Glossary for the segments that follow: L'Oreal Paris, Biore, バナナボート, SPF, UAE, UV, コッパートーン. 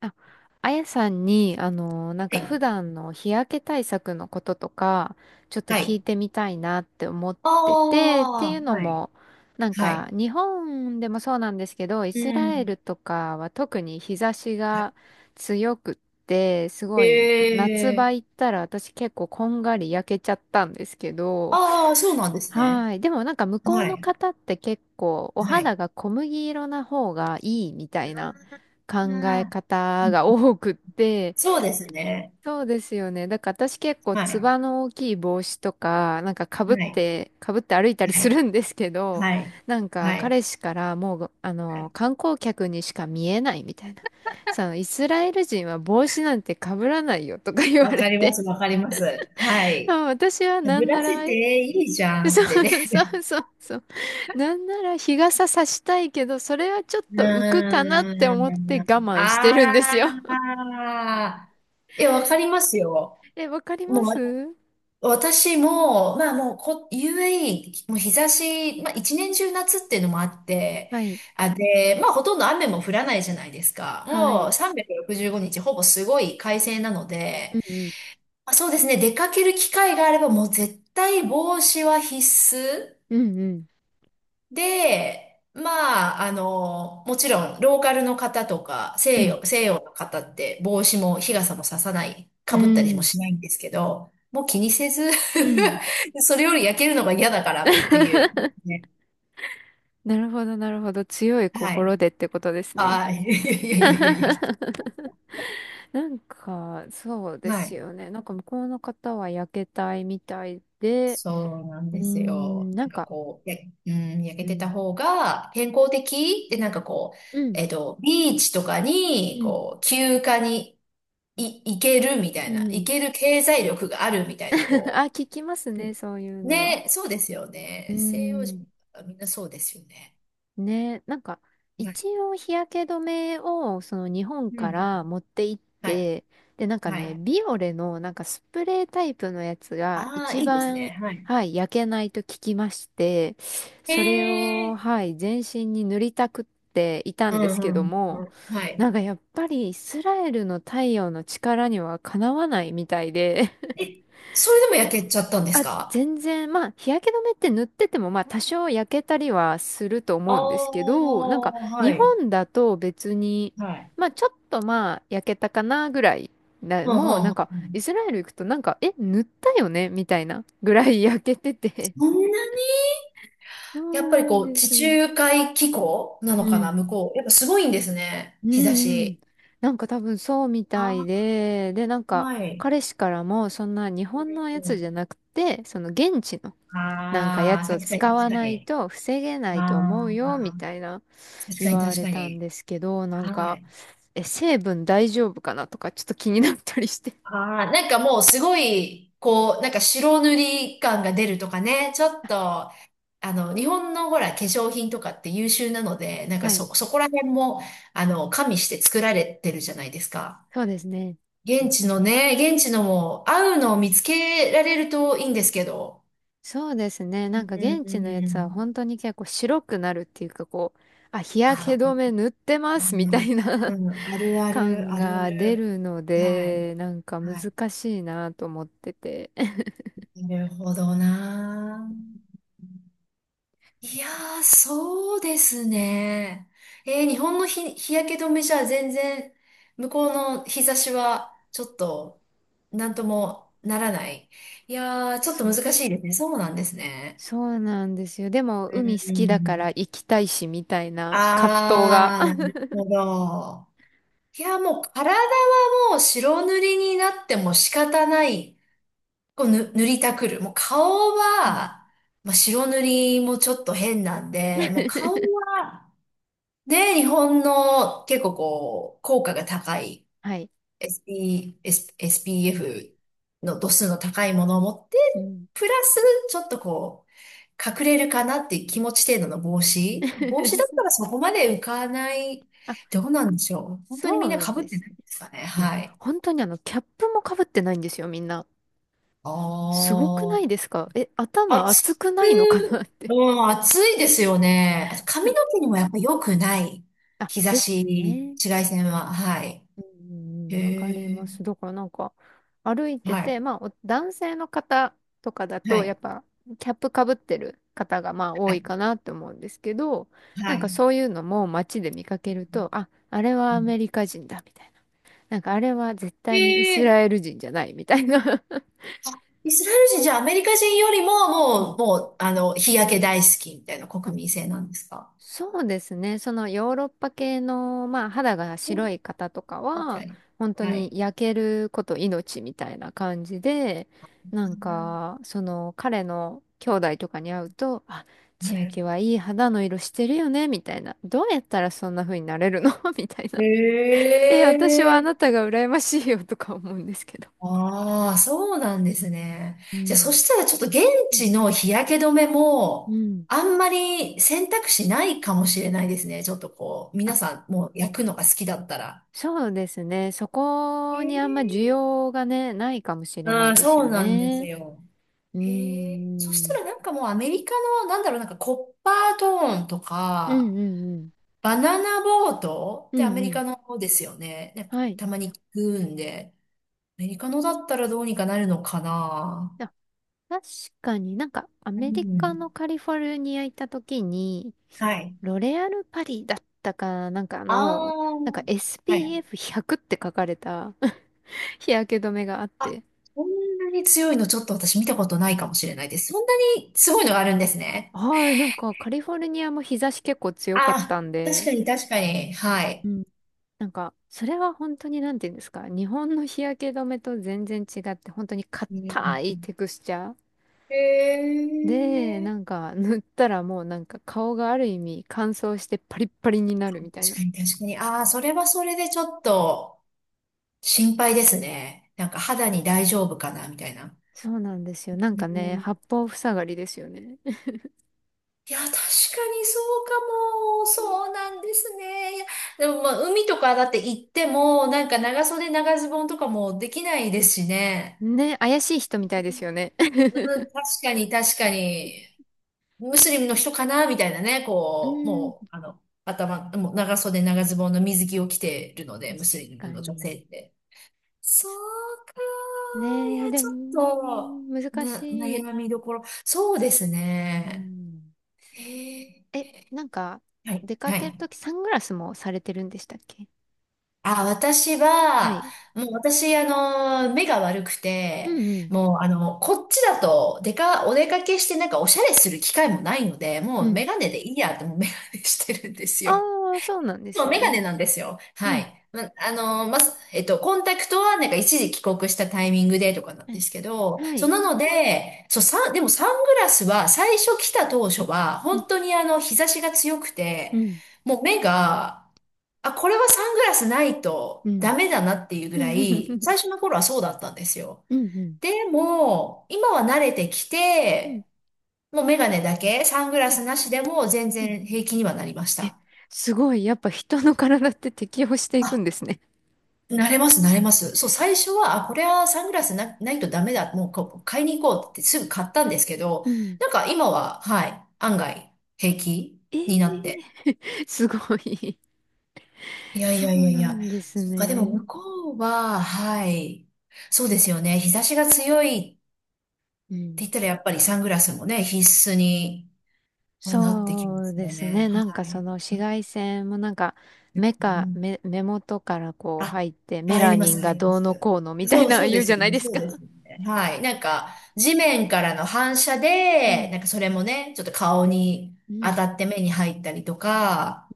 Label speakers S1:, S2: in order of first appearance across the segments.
S1: ああやさんに、なん
S2: は
S1: か普
S2: い。
S1: 段の日焼け対策のこととか、ちょっと
S2: は
S1: 聞い
S2: い。
S1: てみたいなって思っ
S2: あ
S1: てて、ってい
S2: あ、
S1: うの
S2: はい。
S1: も、なん
S2: は
S1: か
S2: い。
S1: 日本でもそうなんですけど、イ
S2: あ、う
S1: スラエ
S2: ん。
S1: ルとかは特に日差しが強くって、す
S2: え
S1: ごい夏場
S2: え、
S1: 行ったら私結構こんがり焼けちゃったんですけど、
S2: ああ、そうなんですね。
S1: はい。でもなんか向こう
S2: は
S1: の
S2: い。
S1: 方って結構お
S2: は
S1: 肌
S2: い。
S1: が小麦色な方がいいみたいな考え
S2: ああ、う
S1: 方が
S2: ん、
S1: 多くって、
S2: そうですね。
S1: そうですよね。だから私結構
S2: は
S1: つ
S2: い。
S1: ばの大きい帽子とか、なんか被っ
S2: はい。
S1: て、被って歩いたり
S2: は
S1: す
S2: い。
S1: るんですけど、なんか
S2: はい。
S1: 彼氏からもう、
S2: はい。
S1: 観光客にしか見えないみたいな。さあ、イスラエル人は帽子なんて被らないよとか言わ
S2: わ
S1: れ
S2: かりま
S1: て、
S2: す。わかります。は
S1: あ
S2: い。
S1: 私はな
S2: ブ
S1: んな
S2: ラシ
S1: ら
S2: っていいじ ゃん
S1: そ
S2: ってね。
S1: うそう そうそう。なんなら日傘さしたいけど、それはちょっ
S2: う
S1: と浮くかなって
S2: ー
S1: 思って我
S2: ん。
S1: 慢してるんです
S2: あ
S1: よ。
S2: あ、え、わかりますよ。
S1: え、わかり
S2: も
S1: ます。
S2: う私も、まあもうこ、UAE、もう日差し、まあ一年中夏っていうのもあって、
S1: はい。
S2: あ、で、まあほとんど雨も降らないじゃないですか。
S1: は
S2: も
S1: い。
S2: う365日ほぼすごい快晴なので、
S1: うん
S2: まあ、そうですね、出かける機会があればもう絶対帽子は必須。
S1: うん。
S2: で、まあ、あの、もちろん、ローカルの方とか、
S1: うんう
S2: 西
S1: ん。
S2: 洋、西洋の方って帽子も日傘もささない、
S1: う
S2: かぶったりも
S1: ん。
S2: しないんですけど、もう気にせず、
S1: うん。
S2: それより焼けるのが嫌だからっていう。ね、
S1: なるほど、なるほど。強い
S2: は
S1: 心
S2: い。
S1: でってことですね。
S2: ああ、いやいやいやいやい や。
S1: なんか、そうで
S2: は
S1: す
S2: い。
S1: よね。なんか向こうの方は焼けたいみたいで、
S2: そうなん
S1: う
S2: で
S1: ー
S2: す
S1: ん、
S2: よ。
S1: なん
S2: なんか
S1: か、
S2: こう、うん、焼け
S1: う
S2: てた
S1: ん、
S2: 方が健康的で、なんかこう、
S1: うん、
S2: えっと、ビーチとか
S1: う
S2: に、
S1: ん、
S2: こう、休暇に、いけるみたい
S1: う
S2: な、い
S1: ん。
S2: ける経済力があるみたいな、
S1: あ、
S2: こ
S1: 聞きます
S2: う。
S1: ね、そういうの。
S2: ね、そうですよ
S1: うー
S2: ね。西洋
S1: ん。
S2: 人はみんなそうですよね。
S1: ね、なんか、
S2: は
S1: 一
S2: い。
S1: 応日焼け止めを、その日本
S2: うんう
S1: から
S2: ん。
S1: 持って行っ
S2: はい。
S1: て、で、なんか
S2: は
S1: ね、
S2: い。
S1: ビオレの、なんかスプレータイプのやつが、
S2: ああ、
S1: 一
S2: いいです
S1: 番、
S2: ね。はい。
S1: はい、焼けないと聞きまして、
S2: へ
S1: それを、
S2: え。
S1: はい、全身に塗りたくっていた
S2: う
S1: んで
S2: ん
S1: すけど
S2: うんう
S1: も、
S2: ん。はい。
S1: なんかやっぱりイスラエルの太陽の力にはかなわないみたいで、
S2: え、それでも焼けちゃったんです
S1: あ、
S2: か？
S1: 全然、まあ、日焼け止めって塗ってても、まあ、多少焼けたりはすると
S2: あ
S1: 思うんですけど、なん
S2: あ、
S1: か、
S2: は
S1: 日
S2: い。
S1: 本だと別に、
S2: はい。
S1: まあ、ちょっとまあ、焼けたかなぐらいな、
S2: うんうん
S1: もう、
S2: う
S1: なん
S2: ん
S1: か、
S2: う
S1: イ
S2: ん。
S1: スラエル行くと、なんか、え、塗ったよねみたいなぐらい 焼けてて。
S2: そんなに、
S1: そう
S2: やっぱり
S1: なん
S2: こう、
S1: で
S2: 地
S1: す。
S2: 中海気候な
S1: う
S2: のかな、
S1: ん。
S2: 向こう。やっぱすごいんですね。
S1: うん
S2: 日差
S1: うん。
S2: し。
S1: なんか多分そうみたい
S2: あ
S1: で、で、なん
S2: あ、
S1: か、
S2: はい。
S1: 彼氏からも、そんな日本のやつじゃなくて、その現地のなんかや
S2: ああ、
S1: つを
S2: 確かに
S1: 使
S2: 確
S1: わ
S2: か
S1: ない
S2: に。
S1: と防げな
S2: あ
S1: いと思うよ、み
S2: あ、
S1: たいな
S2: 確か
S1: 言
S2: に
S1: わ
S2: 確
S1: れ
S2: か
S1: たん
S2: に。
S1: ですけど、なん
S2: は
S1: か、
S2: い。
S1: え、成分大丈夫かなとかちょっと気になったりして。
S2: ああ、なんかもうすごい、こう、なんか白塗り感が出るとかね、ちょっと、あの、日本のほら、化粧品とかって優秀なので、なん
S1: あ
S2: か
S1: はい。
S2: そ、そこら辺も、あの、加味して作られてるじゃないですか。
S1: そうですね。う
S2: 現
S1: ん
S2: 地のね、現地のも合うのを見つけられるといいんですけど。
S1: そうですね。
S2: う
S1: なんか現地のやつは
S2: ん。
S1: 本当に結構白くなるっていうかこう、あ、日焼け
S2: あ、
S1: 止め塗ってま
S2: う
S1: すみた
S2: ん、
S1: いな
S2: うん、ある あ
S1: 感
S2: る、あるあ
S1: が出
S2: る。
S1: るの
S2: はい。
S1: で、なんか
S2: は
S1: 難しいなと思ってて。
S2: い。なるほどな。いやー、そうですね。えー、日本の日焼け止めじゃ全然、向こうの日差しは、ちょっと、なんともならない。いやー、ちょっと
S1: そ
S2: 難
S1: うで
S2: しいです
S1: す。
S2: ね。そうなんですね。
S1: そうなんですよ。でも、
S2: う
S1: 海好きだか
S2: ん。
S1: ら行きたいし、みたいな葛藤が。
S2: あー、なるほど。いや、もう体はもう白塗りになっても仕方ない。こうぬ塗りたくる。もう顔
S1: うん
S2: は、まあ、白塗りもちょっと変なんで、もう顔 は、ね、日本の結構こう、効果が高い
S1: はい。
S2: SPF の度数の高いものを持って、
S1: うん。
S2: プラスちょっとこう、隠れるかなっていう気持ち程度の帽子。帽子だった らそこまで浮かない。
S1: あ、
S2: どうなんでしょう。本当に
S1: そ
S2: みんな
S1: う
S2: 被っ
S1: で
S2: て
S1: す。
S2: ないんですかね。
S1: いや、
S2: はい。
S1: 本当にあの、キャップもかぶってないんですよ、みんな。
S2: あ
S1: すごくない
S2: あ。
S1: ですかえ、頭熱くないのかなって。
S2: もう暑いですよね。あと髪の毛にもやっぱ良くない。
S1: あ、
S2: 日差
S1: ですよ
S2: し、
S1: ね。
S2: 紫外線は。はい。
S1: うんうんわかり
S2: へ
S1: ま
S2: え。
S1: す。だからなんか歩いて
S2: はい。
S1: て、まあお男性の方とかだ
S2: は
S1: とやっ
S2: い。
S1: ぱキャップかぶってる方がまあ多
S2: は
S1: い
S2: い。
S1: かなって思うんですけど、な
S2: は
S1: んか
S2: い。
S1: そういうのも街で見かけると、あ、あれ
S2: う
S1: はア
S2: ん、
S1: メリカ人だみたいな。なんかあれは絶
S2: へ
S1: 対にイス
S2: え。
S1: ラエル人じゃないみたいな。
S2: イスラエル人じゃあアメリカ人よりも
S1: うん
S2: もう、もう、あの、日焼け大好きみたいな国民性なんですか？
S1: そうですね。そのヨーロッパ系の、まあ、肌が
S2: うん、
S1: 白い方とか
S2: 確か
S1: は、
S2: に。
S1: 本当
S2: は
S1: に
S2: い。
S1: 焼けること命みたいな感じで、なんか、その彼の兄弟とかに会うと、あ、
S2: は
S1: 千秋
S2: い。
S1: はいい肌の色してるよね、みたいな。どうやったらそんな風になれるの みたいな。
S2: へ
S1: え、私はあな
S2: え。
S1: たが羨ましいよとか思うんですけど。
S2: ああ、そうなんですね。
S1: う
S2: じゃあ、そ
S1: ん。
S2: したらちょっと現
S1: うん
S2: 地の日焼け止め
S1: う
S2: も、
S1: ん
S2: あんまり選択肢ないかもしれないですね。ちょっとこう、
S1: あ
S2: 皆さんもう焼くのが好きだったら。
S1: そうですね。そ
S2: へ
S1: こにあんま需
S2: え、
S1: 要がね、ないかもしれな
S2: う
S1: い
S2: ん、
S1: です
S2: そ
S1: よ
S2: うなんです
S1: ね。
S2: よ。
S1: うー
S2: へえ。そした
S1: ん。
S2: らなんかもうアメリカの、なんだろう、なんかコッパートーンと
S1: うん
S2: か、
S1: うんうん。
S2: バナナボートっ
S1: う
S2: てア
S1: ん
S2: メ
S1: う
S2: リ
S1: ん。
S2: カの方ですよね。なんか
S1: はい。
S2: たまに聞くんで、アメリカのだったらどうにかなるのかな。
S1: あ、確かになんかア
S2: う
S1: メリカの
S2: ん。
S1: カリフォルニア行った時に、
S2: はい。
S1: ロレアルパリだったかなんか
S2: あ
S1: の、
S2: あ、
S1: なんか
S2: はい。
S1: SPF100 って書かれた 日焼け止めがあっ
S2: あ、
S1: て。
S2: そんなに強いのちょっと私見たことないか
S1: あ、
S2: もしれないです。そんなにすごいのがあるんですね。
S1: はい、なんかカリフォルニアも日差し結構強
S2: あ
S1: かった
S2: あ、
S1: ん
S2: 確
S1: で、
S2: かに確かに。は
S1: う
S2: い。
S1: んなんか、それは本当になんて言うんですか、日本の日焼け止めと全然違って、本当に
S2: う
S1: 硬
S2: ん、
S1: いテクスチャー。
S2: へ
S1: で、
S2: え。
S1: なんか 塗ったらもうなんか顔がある意味乾燥してパリッパリになるみたい
S2: 確
S1: な。
S2: かに確かに。ああ、それはそれでちょっと心配ですね。なんか肌に大丈夫かなみたいな。
S1: そうなんですよ。なん
S2: う
S1: かね、
S2: ん、
S1: 八方塞がりですよね。
S2: いや、確かにそうかも。そうなんですね。いやでもまあ、海とかだって行っても、なんか長袖長ズボンとかもできないですしね。
S1: ね、怪しい人みたいですよ
S2: う
S1: ね。
S2: ん、確 かに確かに、ムスリムの人かなみたいなね、
S1: う
S2: こう、
S1: ーん、
S2: もう、あの、頭、もう長袖長ズボンの水着を着てるので、
S1: 確
S2: ムスリ
S1: か
S2: ムの女
S1: に。
S2: 性って。そうかー。い
S1: ねえ、
S2: や、
S1: で
S2: ちょっ
S1: も、
S2: と、
S1: 難しい。
S2: 悩みどころ。そうです
S1: う
S2: ね。
S1: ん。
S2: へえ。
S1: え、なんか、
S2: はい、
S1: 出か
S2: は
S1: ける
S2: い。
S1: ときサングラスもされてるんでしたっけ？
S2: あ、私
S1: は
S2: は、
S1: い。
S2: もう私、あの、目が悪く
S1: う
S2: て、
S1: んうん。
S2: もう、あの、こっちだと、お出かけしてなんかおしゃれする機会もないので、
S1: う
S2: もう
S1: ん。
S2: メガネでいいやって、もうメガネしてるんですよ。
S1: ああ、そうなんで
S2: もう
S1: す
S2: メガ
S1: ね。
S2: ネなんですよ。
S1: う
S2: は
S1: ん。
S2: い。ま、あの、ま、えっと、コンタクトはなんか一時帰国したタイミングでとかなん
S1: は
S2: で
S1: い。
S2: すけど、
S1: は
S2: そう
S1: い。
S2: なので、そう、でもサングラスは最初来た当初は、
S1: うん。
S2: 本当にあの、日差しが強く
S1: う
S2: て、
S1: ん。
S2: もう目が、あ、これはサングラスない
S1: う
S2: とダ
S1: ん。
S2: メだなっていうぐ
S1: う
S2: ら
S1: んう
S2: い、
S1: ん。
S2: 最初の頃はそうだったんですよ。
S1: うん
S2: でも、今は慣れてき
S1: うん
S2: て、もうメガネだけ、サングラ
S1: う
S2: スなしでも全
S1: ん。
S2: 然平気にはなりまし
S1: え、
S2: た。
S1: すごい。やっぱ人の体って適応していくんですね。
S2: 慣れます、慣れます。そう、最初は、あ、これはサングラスないとダメだ。もうこう、買いに行こうってすぐ買ったんですけど、
S1: うん。
S2: なんか今は、はい、案外平気
S1: え
S2: になって。
S1: え すごい。
S2: いやい
S1: そ
S2: やい
S1: う
S2: やい
S1: な
S2: や。
S1: んです
S2: そっか、でも
S1: ね。
S2: 向こうは、はい。そうですよね。日差しが強いっ
S1: う
S2: て言っ
S1: ん。
S2: たら、やっぱりサングラスもね、必須にはなってき
S1: そ
S2: ま
S1: う
S2: す
S1: で
S2: よ
S1: す
S2: ね。
S1: ね。なんか
S2: は
S1: そ
S2: い。
S1: の紫外線もなんか
S2: う
S1: 目か
S2: ん、
S1: 目、目元からこう
S2: あ、
S1: 入ってメ
S2: 入
S1: ラ
S2: りま
S1: ニ
S2: す、
S1: ンが
S2: 入りま
S1: どうの
S2: す。
S1: こうのみたい
S2: そう、
S1: な
S2: そう
S1: 言
S2: で
S1: うじ
S2: す
S1: ゃ
S2: よ
S1: ない
S2: ね、
S1: です
S2: そう
S1: か。
S2: ですよね。はい。なんか、地面からの反射
S1: う
S2: で、な
S1: ん。
S2: んかそれもね、ちょっと顔に
S1: う
S2: 当
S1: ん。
S2: たって目に入ったりとか、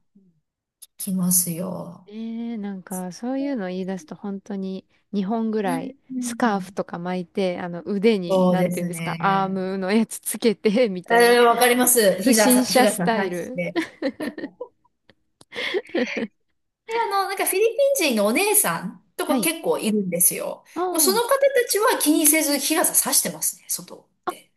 S2: きますよ。
S1: えー、なんかそういうの言い出すと本当に2本ぐ
S2: う
S1: らい
S2: ん。う
S1: スカーフ
S2: ん、
S1: とか巻いてあの腕に
S2: そう
S1: なん
S2: で
S1: て言うん
S2: す
S1: ですかアー
S2: ね。
S1: ムのやつつけてみたい
S2: え
S1: な
S2: ー、わかりま す。
S1: 不
S2: 日傘、
S1: 審
S2: 日
S1: 者ス
S2: 傘
S1: タイ
S2: 差し
S1: ル。
S2: て。で、あの、なんかフィリピン人のお姉さんと
S1: は
S2: か
S1: い。
S2: 結構いるんですよ。
S1: あ
S2: もうそ
S1: あ、
S2: の方たちは気にせず日傘差してますね、外って。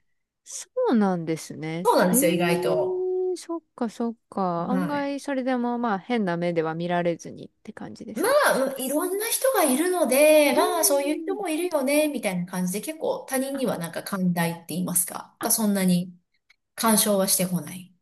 S1: そうなんですね。
S2: そうなんで
S1: え
S2: すよ、意外と。
S1: ー、そっかそっか。案
S2: は
S1: 外
S2: い。
S1: それでもまあ変な目では見られずにって感じで
S2: ま
S1: すか？
S2: あ、うん、いろんな人がいるので、
S1: うー
S2: まあ、そういう人
S1: ん。
S2: もいるよね、みたいな感じで、結構他人にはなんか寛大って言いますか、
S1: あ、
S2: がそんなに干渉はしてこない、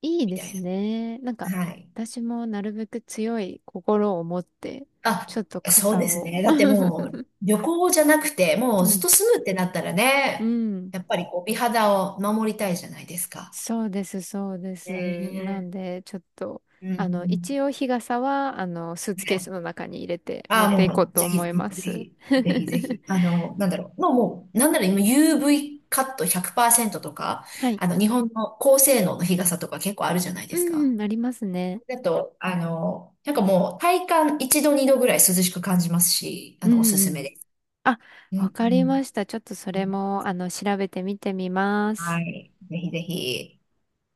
S1: いい
S2: み
S1: で
S2: たい
S1: すね。なんか
S2: な。はい。
S1: 私もなるべく強い心を持って
S2: あ、
S1: ちょっと
S2: そう
S1: 傘
S2: ですね。
S1: を
S2: だってもう、旅行じゃなくて、もう
S1: う
S2: ずっ
S1: ん
S2: と住むってなったら
S1: う
S2: ね、
S1: ん、
S2: やっぱりこう、美肌を守りたいじゃないですか。
S1: そうです、そうです。なん
S2: ね
S1: で、ちょっと、
S2: え。う
S1: あの、一
S2: ん。
S1: 応日傘は、あの、スーツ
S2: は
S1: ケース
S2: い、
S1: の中に入れて持
S2: あ
S1: っ
S2: あ、
S1: ていこう
S2: もう、
S1: と
S2: ぜひ、
S1: 思いま
S2: ぜ
S1: す。
S2: ひ、ぜひ、ぜ ひ、あの、なんだろう。もう、もう、なんだろう、今 UV カット100%とか、
S1: はい。
S2: あの、日本の高性能の日傘とか結構あるじゃないで
S1: う
S2: す
S1: ん
S2: か。
S1: うん、ありますね。
S2: だと、あの、なんかもう、体感1度、2度ぐらい涼しく感じますし、あ
S1: う
S2: の、おす
S1: んう
S2: すめ
S1: ん。
S2: です。
S1: あ、
S2: う
S1: わ
S2: ん、
S1: かりました。ちょっとそ
S2: う
S1: れ
S2: ん、
S1: も、あの、調べてみてみま
S2: は
S1: す。
S2: い。ぜひぜひ。